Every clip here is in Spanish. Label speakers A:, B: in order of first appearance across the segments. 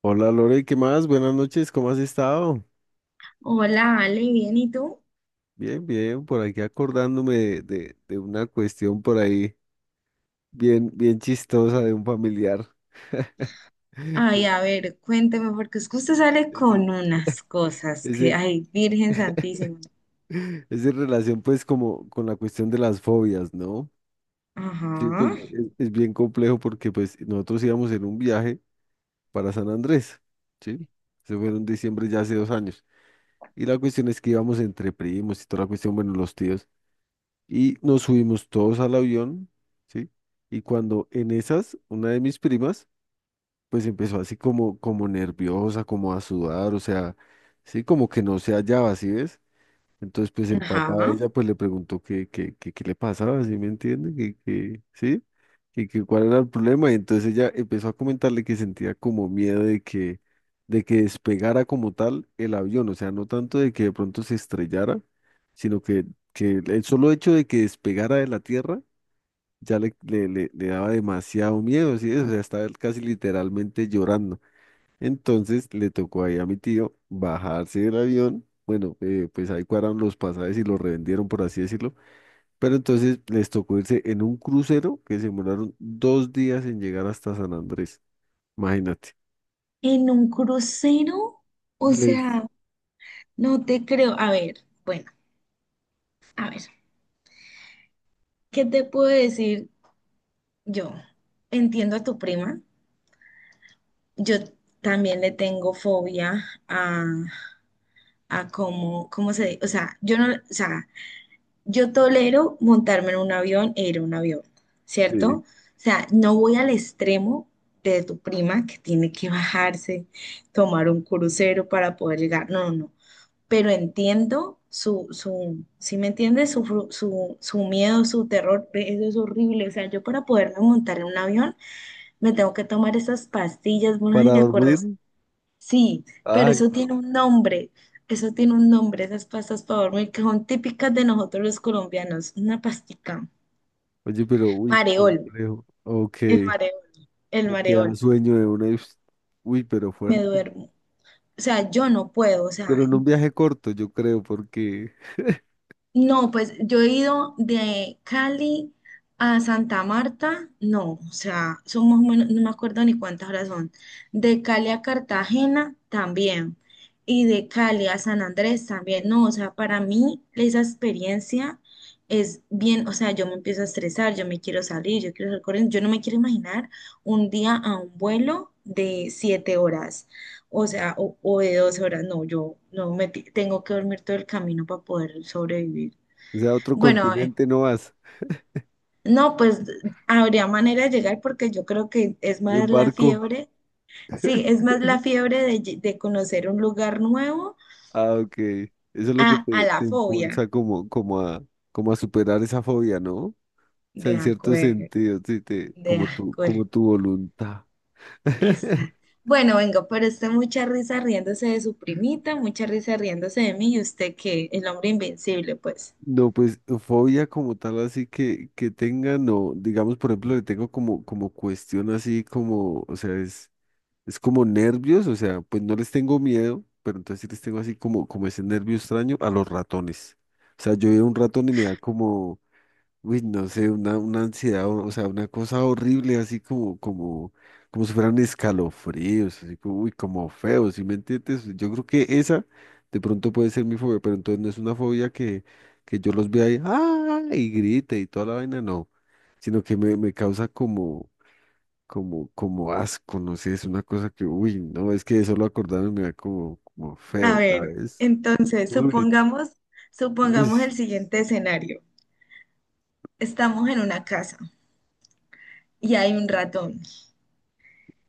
A: Hola Lore, ¿qué más? Buenas noches, ¿cómo has estado?
B: Hola, Ale, bien, ¿y tú?
A: Bien, por aquí acordándome de una cuestión por ahí bien chistosa de un familiar.
B: Ay, a ver, cuénteme, porque es que usted sale
A: Es en,
B: con unas cosas
A: es
B: que,
A: en-
B: ay, Virgen Santísima.
A: es en relación pues como con la cuestión de las fobias, ¿no? Sí,
B: Ajá,
A: porque es bien complejo porque pues nosotros íbamos en un viaje para San Andrés, ¿sí? Se fue en diciembre ya hace dos años. Y la cuestión es que íbamos entre primos y toda la cuestión, bueno, los tíos. Y nos subimos todos al avión, ¿sí? Y cuando en esas, una de mis primas, pues empezó así como nerviosa, como a sudar, o sea, sí, como que no se hallaba, ¿sí ves? Entonces, pues el papá de
B: ajá.
A: ella pues le preguntó qué le pasaba, ¿sí me entiende? Que, ¿sí? Que cuál era el problema. Y entonces ella empezó a comentarle que sentía como miedo de que despegara como tal el avión. O sea, no tanto de que de pronto se estrellara, sino que el solo hecho de que despegara de la tierra ya le daba demasiado miedo, ¿sí? O sea, estaba casi literalmente llorando. Entonces le tocó ahí a mi tío bajarse del avión. Bueno, pues ahí cuadraron los pasajes y los revendieron, por así decirlo. Pero entonces les tocó irse en un crucero que se demoraron dos días en llegar hasta San Andrés. Imagínate.
B: ¿En un crucero? O
A: Les,
B: sea, no te creo. A ver, bueno, a ver, ¿qué te puedo decir yo? Entiendo a tu prima. Yo también le tengo fobia a cómo, cómo se, o sea, yo no, o sea, yo tolero montarme en un avión e ir a un avión, ¿cierto?
A: sí,
B: O sea, no voy al extremo de tu prima que tiene que bajarse, tomar un crucero para poder llegar. No, no, no. Pero entiendo si me entiendes, su, su miedo, su terror, ve, eso es horrible. O sea, yo para poderme montar en un avión me tengo que tomar esas pastillas, bueno, si
A: para
B: te acuerdas.
A: dormir.
B: Sí, pero
A: Ay,
B: eso
A: no.
B: tiene un nombre, eso tiene un nombre, esas pastas para dormir que son típicas de nosotros los colombianos. Una pastica,
A: Oye, pero uy,
B: mareol,
A: complejo. Ok,
B: el
A: que
B: mareol, el
A: te da
B: mareol,
A: sueño de una. Y ups, uy, pero
B: me
A: fuerte.
B: duermo. O sea, yo no puedo, o sea,
A: Pero en un viaje corto, yo creo, porque,
B: no, pues yo he ido de Cali a Santa Marta, no, o sea, son más o menos, no me acuerdo ni cuántas horas son. De Cali a Cartagena también. Y de Cali a San Andrés también. No, o sea, para mí esa experiencia es bien, o sea, yo me empiezo a estresar, yo me quiero salir, yo quiero salir corriendo, yo no me quiero imaginar un día a un vuelo de siete horas, o sea, o de doce horas, no, yo no me ti- tengo que dormir todo el camino para poder sobrevivir.
A: o sea, a otro
B: Bueno,
A: continente no vas.
B: no, pues habría manera de llegar porque yo creo que es
A: En
B: más la
A: barco.
B: fiebre, sí, es más la fiebre de conocer un lugar nuevo
A: Ah, ok. Eso es lo que
B: a
A: te,
B: la
A: te
B: fobia.
A: impulsa como, como a, como a superar esa fobia, ¿no? O sea,
B: De
A: en cierto
B: acuerdo,
A: sentido, sí, te,
B: de
A: como tu,
B: acuerdo.
A: como tu voluntad.
B: Exacto. Bueno, vengo pero está mucha risa riéndose de su primita, mucha risa riéndose de mí y usted que el hombre invencible, pues.
A: No, pues fobia como tal, así que tenga, no, digamos, por ejemplo, le tengo como, como cuestión así como, o sea, es como nervios, o sea, pues no les tengo miedo, pero entonces sí les tengo así como, como ese nervio extraño a los ratones. O sea, yo veo un ratón y me da como, uy, no sé, una ansiedad, o sea, una cosa horrible, así como, como, como si fueran escalofríos, así como, uy, como feos, ¿sí me entiendes? Yo creo que esa de pronto puede ser mi fobia, pero entonces no es una fobia que yo los vea ahí, ¡ah! Y grite y toda la vaina, no, sino que me causa como, como, como asco, no sé, es una cosa que, uy, no, es que de solo acordarme me da como, como
B: A
A: feo,
B: ver,
A: ¿sabes?
B: entonces,
A: Uy,
B: supongamos,
A: uy,
B: supongamos el siguiente escenario. Estamos en una casa y hay un ratón.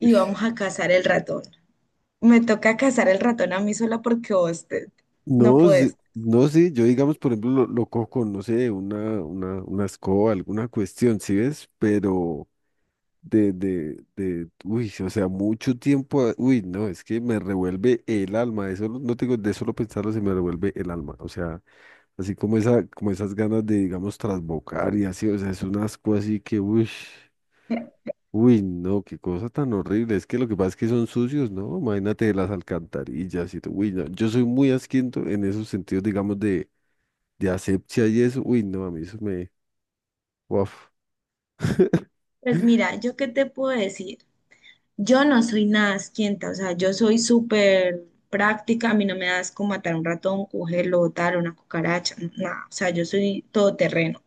A: uy.
B: vamos a cazar el ratón. Me toca cazar el ratón a mí sola porque no
A: No, sí-
B: puedes.
A: no, sí, yo digamos, por ejemplo, lo cojo con, no sé, una escoba, alguna cuestión, ¿sí ves? Pero uy, o sea, mucho tiempo, uy, no, es que me revuelve el alma, eso no te digo de solo pensarlo se me revuelve el alma, o sea, así como esa, como esas ganas de, digamos, trasbocar y así, o sea, es un asco así que, uy, uy, no, qué cosa tan horrible, es que lo que pasa es que son sucios, ¿no? Imagínate las alcantarillas y todo, uy, no, yo soy muy asquiento en esos sentidos, digamos, de asepsia y eso, uy, no, a mí eso me, uf,
B: Pues mira, ¿yo qué te puedo decir? Yo no soy nada asquienta, o sea, yo soy súper práctica, a mí no me das como matar un ratón, cogerlo, botar una cucaracha, nada, o sea, yo soy todoterreno.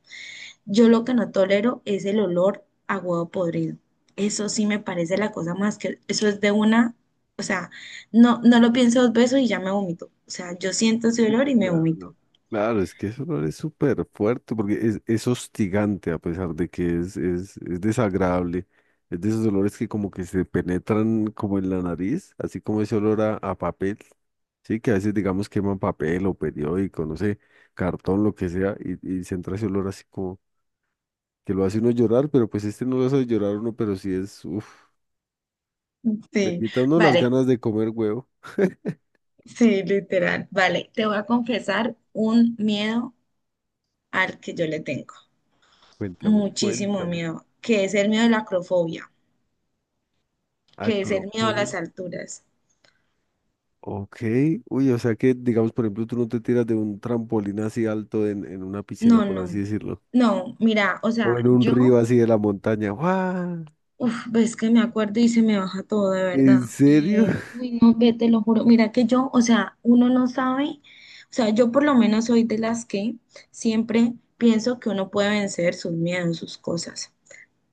B: Yo lo que no tolero es el olor a huevo podrido. Eso sí me parece la cosa más que, eso es de una, o sea, no, no lo pienso dos veces y ya me vomito. O sea, yo siento ese olor y me vomito.
A: claro, claro, es que eso no es súper fuerte porque es hostigante a pesar de que es desagradable. Es de esos olores que como que se penetran como en la nariz, así como ese olor a papel, sí, que a veces digamos queman papel o periódico, no sé, cartón, lo que sea, y se entra ese olor así como que lo hace uno llorar, pero pues este no lo hace llorar a uno, pero sí es, uff, le
B: Sí,
A: quita a uno las
B: vale,
A: ganas de comer huevo.
B: sí, literal, vale. Te voy a confesar un miedo al que yo le tengo,
A: Cuéntame,
B: muchísimo
A: cuéntame.
B: miedo, que es el miedo de la acrofobia, que es el miedo a las
A: Acropol.
B: alturas.
A: Ok. Uy, o sea que, digamos, por ejemplo, tú no te tiras de un trampolín así alto en una
B: No,
A: piscina, por
B: no,
A: así decirlo.
B: no, mira, o sea,
A: O en un
B: yo,
A: río así de la montaña. ¡Guau!
B: uff, ves que me acuerdo y se me baja todo, de verdad.
A: ¿En serio?
B: Uy, no, ve, te lo juro, mira que yo, o sea, uno no sabe, o sea, yo por lo menos soy de las que siempre pienso que uno puede vencer sus miedos, sus cosas.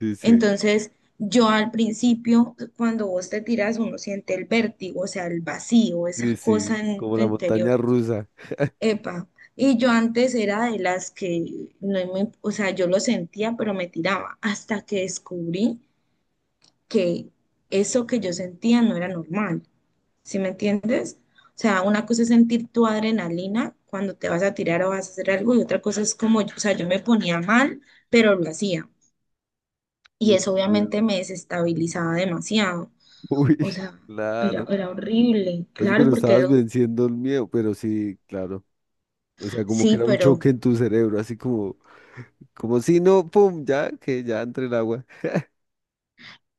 A: Sí, sí.
B: Entonces, yo al principio, cuando vos te tiras, uno siente el vértigo, o sea, el vacío, esa
A: Sí,
B: cosa
A: sí.
B: en
A: Como
B: tu
A: la
B: interior.
A: montaña rusa.
B: Epa. Y yo antes era de las que no me, o sea, yo lo sentía, pero me tiraba, hasta que descubrí que eso que yo sentía no era normal. ¿Sí me entiendes? O sea, una cosa es sentir tu adrenalina cuando te vas a tirar o vas a hacer algo, y otra cosa es como, o sea, yo me ponía mal, pero lo hacía. Y
A: Uy,
B: eso
A: bueno.
B: obviamente me desestabilizaba demasiado.
A: Uy,
B: O sea, era,
A: claro.
B: era horrible.
A: Oye,
B: Claro,
A: pero
B: porque
A: estabas
B: era-
A: venciendo el miedo, pero sí, claro. O sea, como que
B: sí,
A: era un
B: pero
A: choque en tu cerebro, así como, como si no, pum, ya, que ya entre el agua.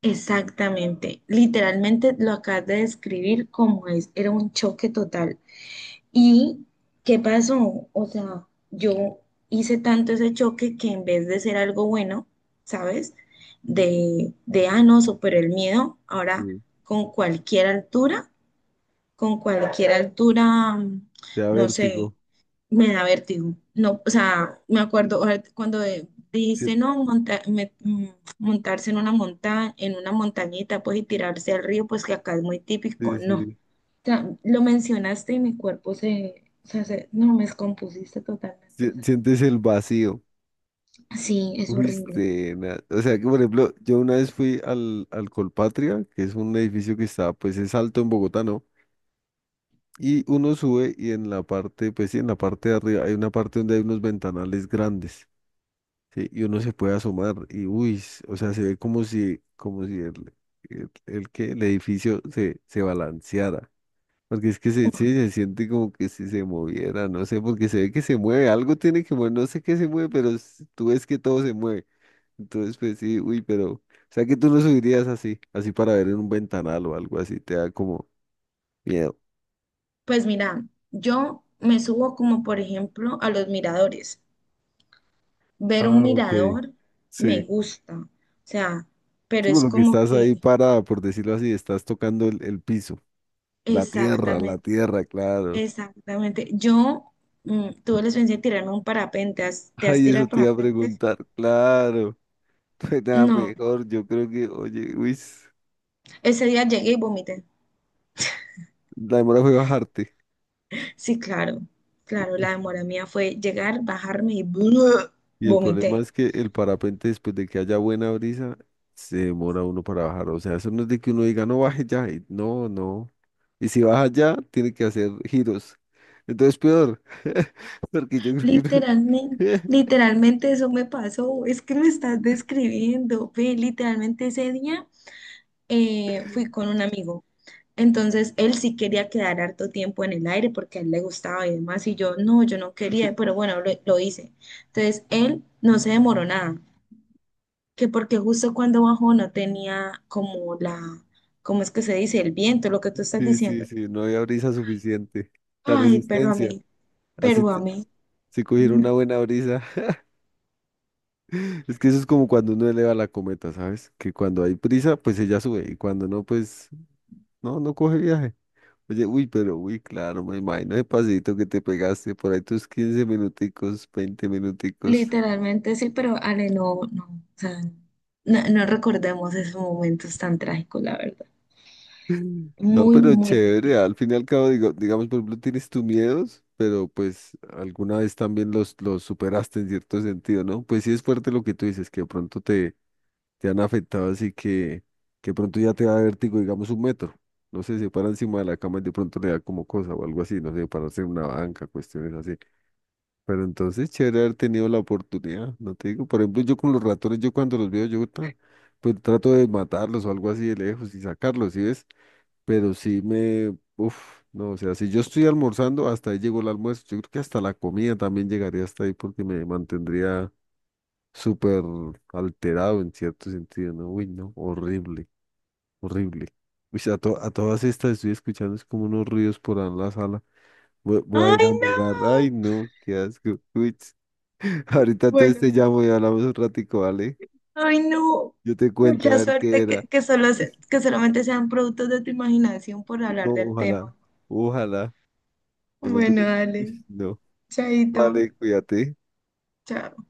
B: exactamente. Literalmente lo acabas de describir como es. Era un choque total. ¿Y qué pasó? O sea, yo hice tanto ese choque que en vez de ser algo bueno, ¿sabes? De ah, no, superé el miedo. Ahora,
A: Sí,
B: con cualquier altura, con cualquier altura,
A: te da
B: no sé,
A: vértigo.
B: me da vértigo. No, o sea, me acuerdo ahora cuando
A: Sí,
B: dijiste no monta- me- mm, montarse en una monta en una montañita, pues y tirarse al río, pues que acá es muy típico,
A: sí,
B: no. O
A: sí.
B: sea, lo mencionaste y mi cuerpo se, o sea, se- no me descompusiste totalmente, o sea,
A: Sientes el vacío.
B: sí, es horrible.
A: Viste, o sea que por ejemplo, yo una vez fui al Colpatria, que es un edificio que está, pues es alto en Bogotá, ¿no? Y uno sube y en la parte, pues sí, en la parte de arriba hay una parte donde hay unos ventanales grandes, ¿sí? Y uno se puede asomar y, uy, o sea, se ve como si el edificio se balanceara. Porque es que se, sí, se siente como que si se moviera, no sé, porque se ve que se mueve, algo tiene que mover, no sé qué se mueve, pero tú ves que todo se mueve. Entonces, pues sí, uy, pero, o sea que tú no subirías así, así para ver en un ventanal o algo así, te da como miedo.
B: Pues mira, yo me subo como por ejemplo a los miradores. Ver un
A: Ah, ok.
B: mirador me
A: Sí.
B: gusta, o sea, pero
A: Sí, por
B: es
A: lo que
B: como
A: estás
B: que
A: ahí parada, por decirlo así, estás tocando el piso, la tierra,
B: exactamente.
A: la tierra, claro.
B: Exactamente. Yo tuve la experiencia de tirarme un parapente. ¿Has- ¿Te has
A: Ay, eso
B: tirado
A: te iba a
B: parapente?
A: preguntar, claro. Pues nada,
B: No.
A: mejor, yo creo que, oye, uy,
B: Ese día llegué y vomité.
A: la demora fue bajarte.
B: Sí, claro. Claro, la
A: Uy,
B: demora mía fue llegar, bajarme y
A: y el problema
B: vomité.
A: es que el parapente, después de que haya buena brisa, se demora uno para bajar. O sea, eso no es de que uno diga, no baje ya, y no. Y si vas allá, tiene que hacer giros. Entonces, peor. Porque yo creo que no.
B: Literalmente, literalmente eso me pasó. Es que me estás describiendo. Ve, literalmente ese día fui con un amigo. Entonces él sí quería quedar harto tiempo en el aire porque a él le gustaba y demás, y yo no, yo no quería, pero bueno, lo hice. Entonces él no se demoró nada, que porque justo cuando bajó no tenía como la, ¿cómo es que se dice? El viento, lo que tú estás
A: Sí, sí,
B: diciendo.
A: sí, no había brisa suficiente. La
B: Ay,
A: resistencia. Así
B: pero a
A: te-
B: mí,
A: si cogiera una
B: no.
A: buena brisa. Es que eso es como cuando uno eleva la cometa, ¿sabes? Que cuando hay prisa pues ella sube. Y cuando no, pues no coge viaje. Oye, uy, pero uy, claro, me imagino el paseíto que te pegaste por ahí tus 15 minuticos, 20 minuticos.
B: Literalmente sí, pero Ale, no, no, o sea, no, no recordemos esos momentos tan trágicos, la verdad.
A: No,
B: Muy,
A: pero
B: muy
A: chévere,
B: difícil.
A: al fin y al cabo, digo, digamos, por ejemplo, tienes tus miedos, pero pues alguna vez también los superaste en cierto sentido, ¿no? Pues sí es fuerte lo que tú dices, que de pronto te han afectado, así que de pronto ya te da vértigo, digamos, un metro. No sé, se para encima de la cama y de pronto le da como cosa o algo así, no sé, pararse en una banca, cuestiones así. Pero entonces, chévere haber tenido la oportunidad, no te digo, por ejemplo, yo con los ratones, yo cuando los veo, yo tan, pues trato de matarlos o algo así de lejos y sacarlos, ¿sí ves? Pero sí me, uf, no, o sea, si yo estoy almorzando, hasta ahí llegó el almuerzo. Yo creo que hasta la comida también llegaría hasta ahí porque me mantendría súper alterado en cierto sentido, ¿no? Uy, no, horrible, horrible. Uy, a todas estas estoy escuchando, es como unos ruidos por ahí en la sala. Voy a ir
B: Ay,
A: a
B: no.
A: mirar. Ay, no, qué asco. Uy, ts. Ahorita entonces
B: Bueno.
A: te llamo y hablamos un ratico, ¿vale?
B: Ay, no.
A: Yo te cuento a
B: Mucha
A: ver qué
B: suerte
A: era.
B: que,
A: Uy,
B: que solamente sean productos de tu imaginación por
A: no,
B: hablar del
A: ojalá,
B: tema.
A: ojalá. De pronto
B: Bueno,
A: que, uy,
B: dale.
A: no.
B: Chaito.
A: Vale, cuídate.
B: Chao.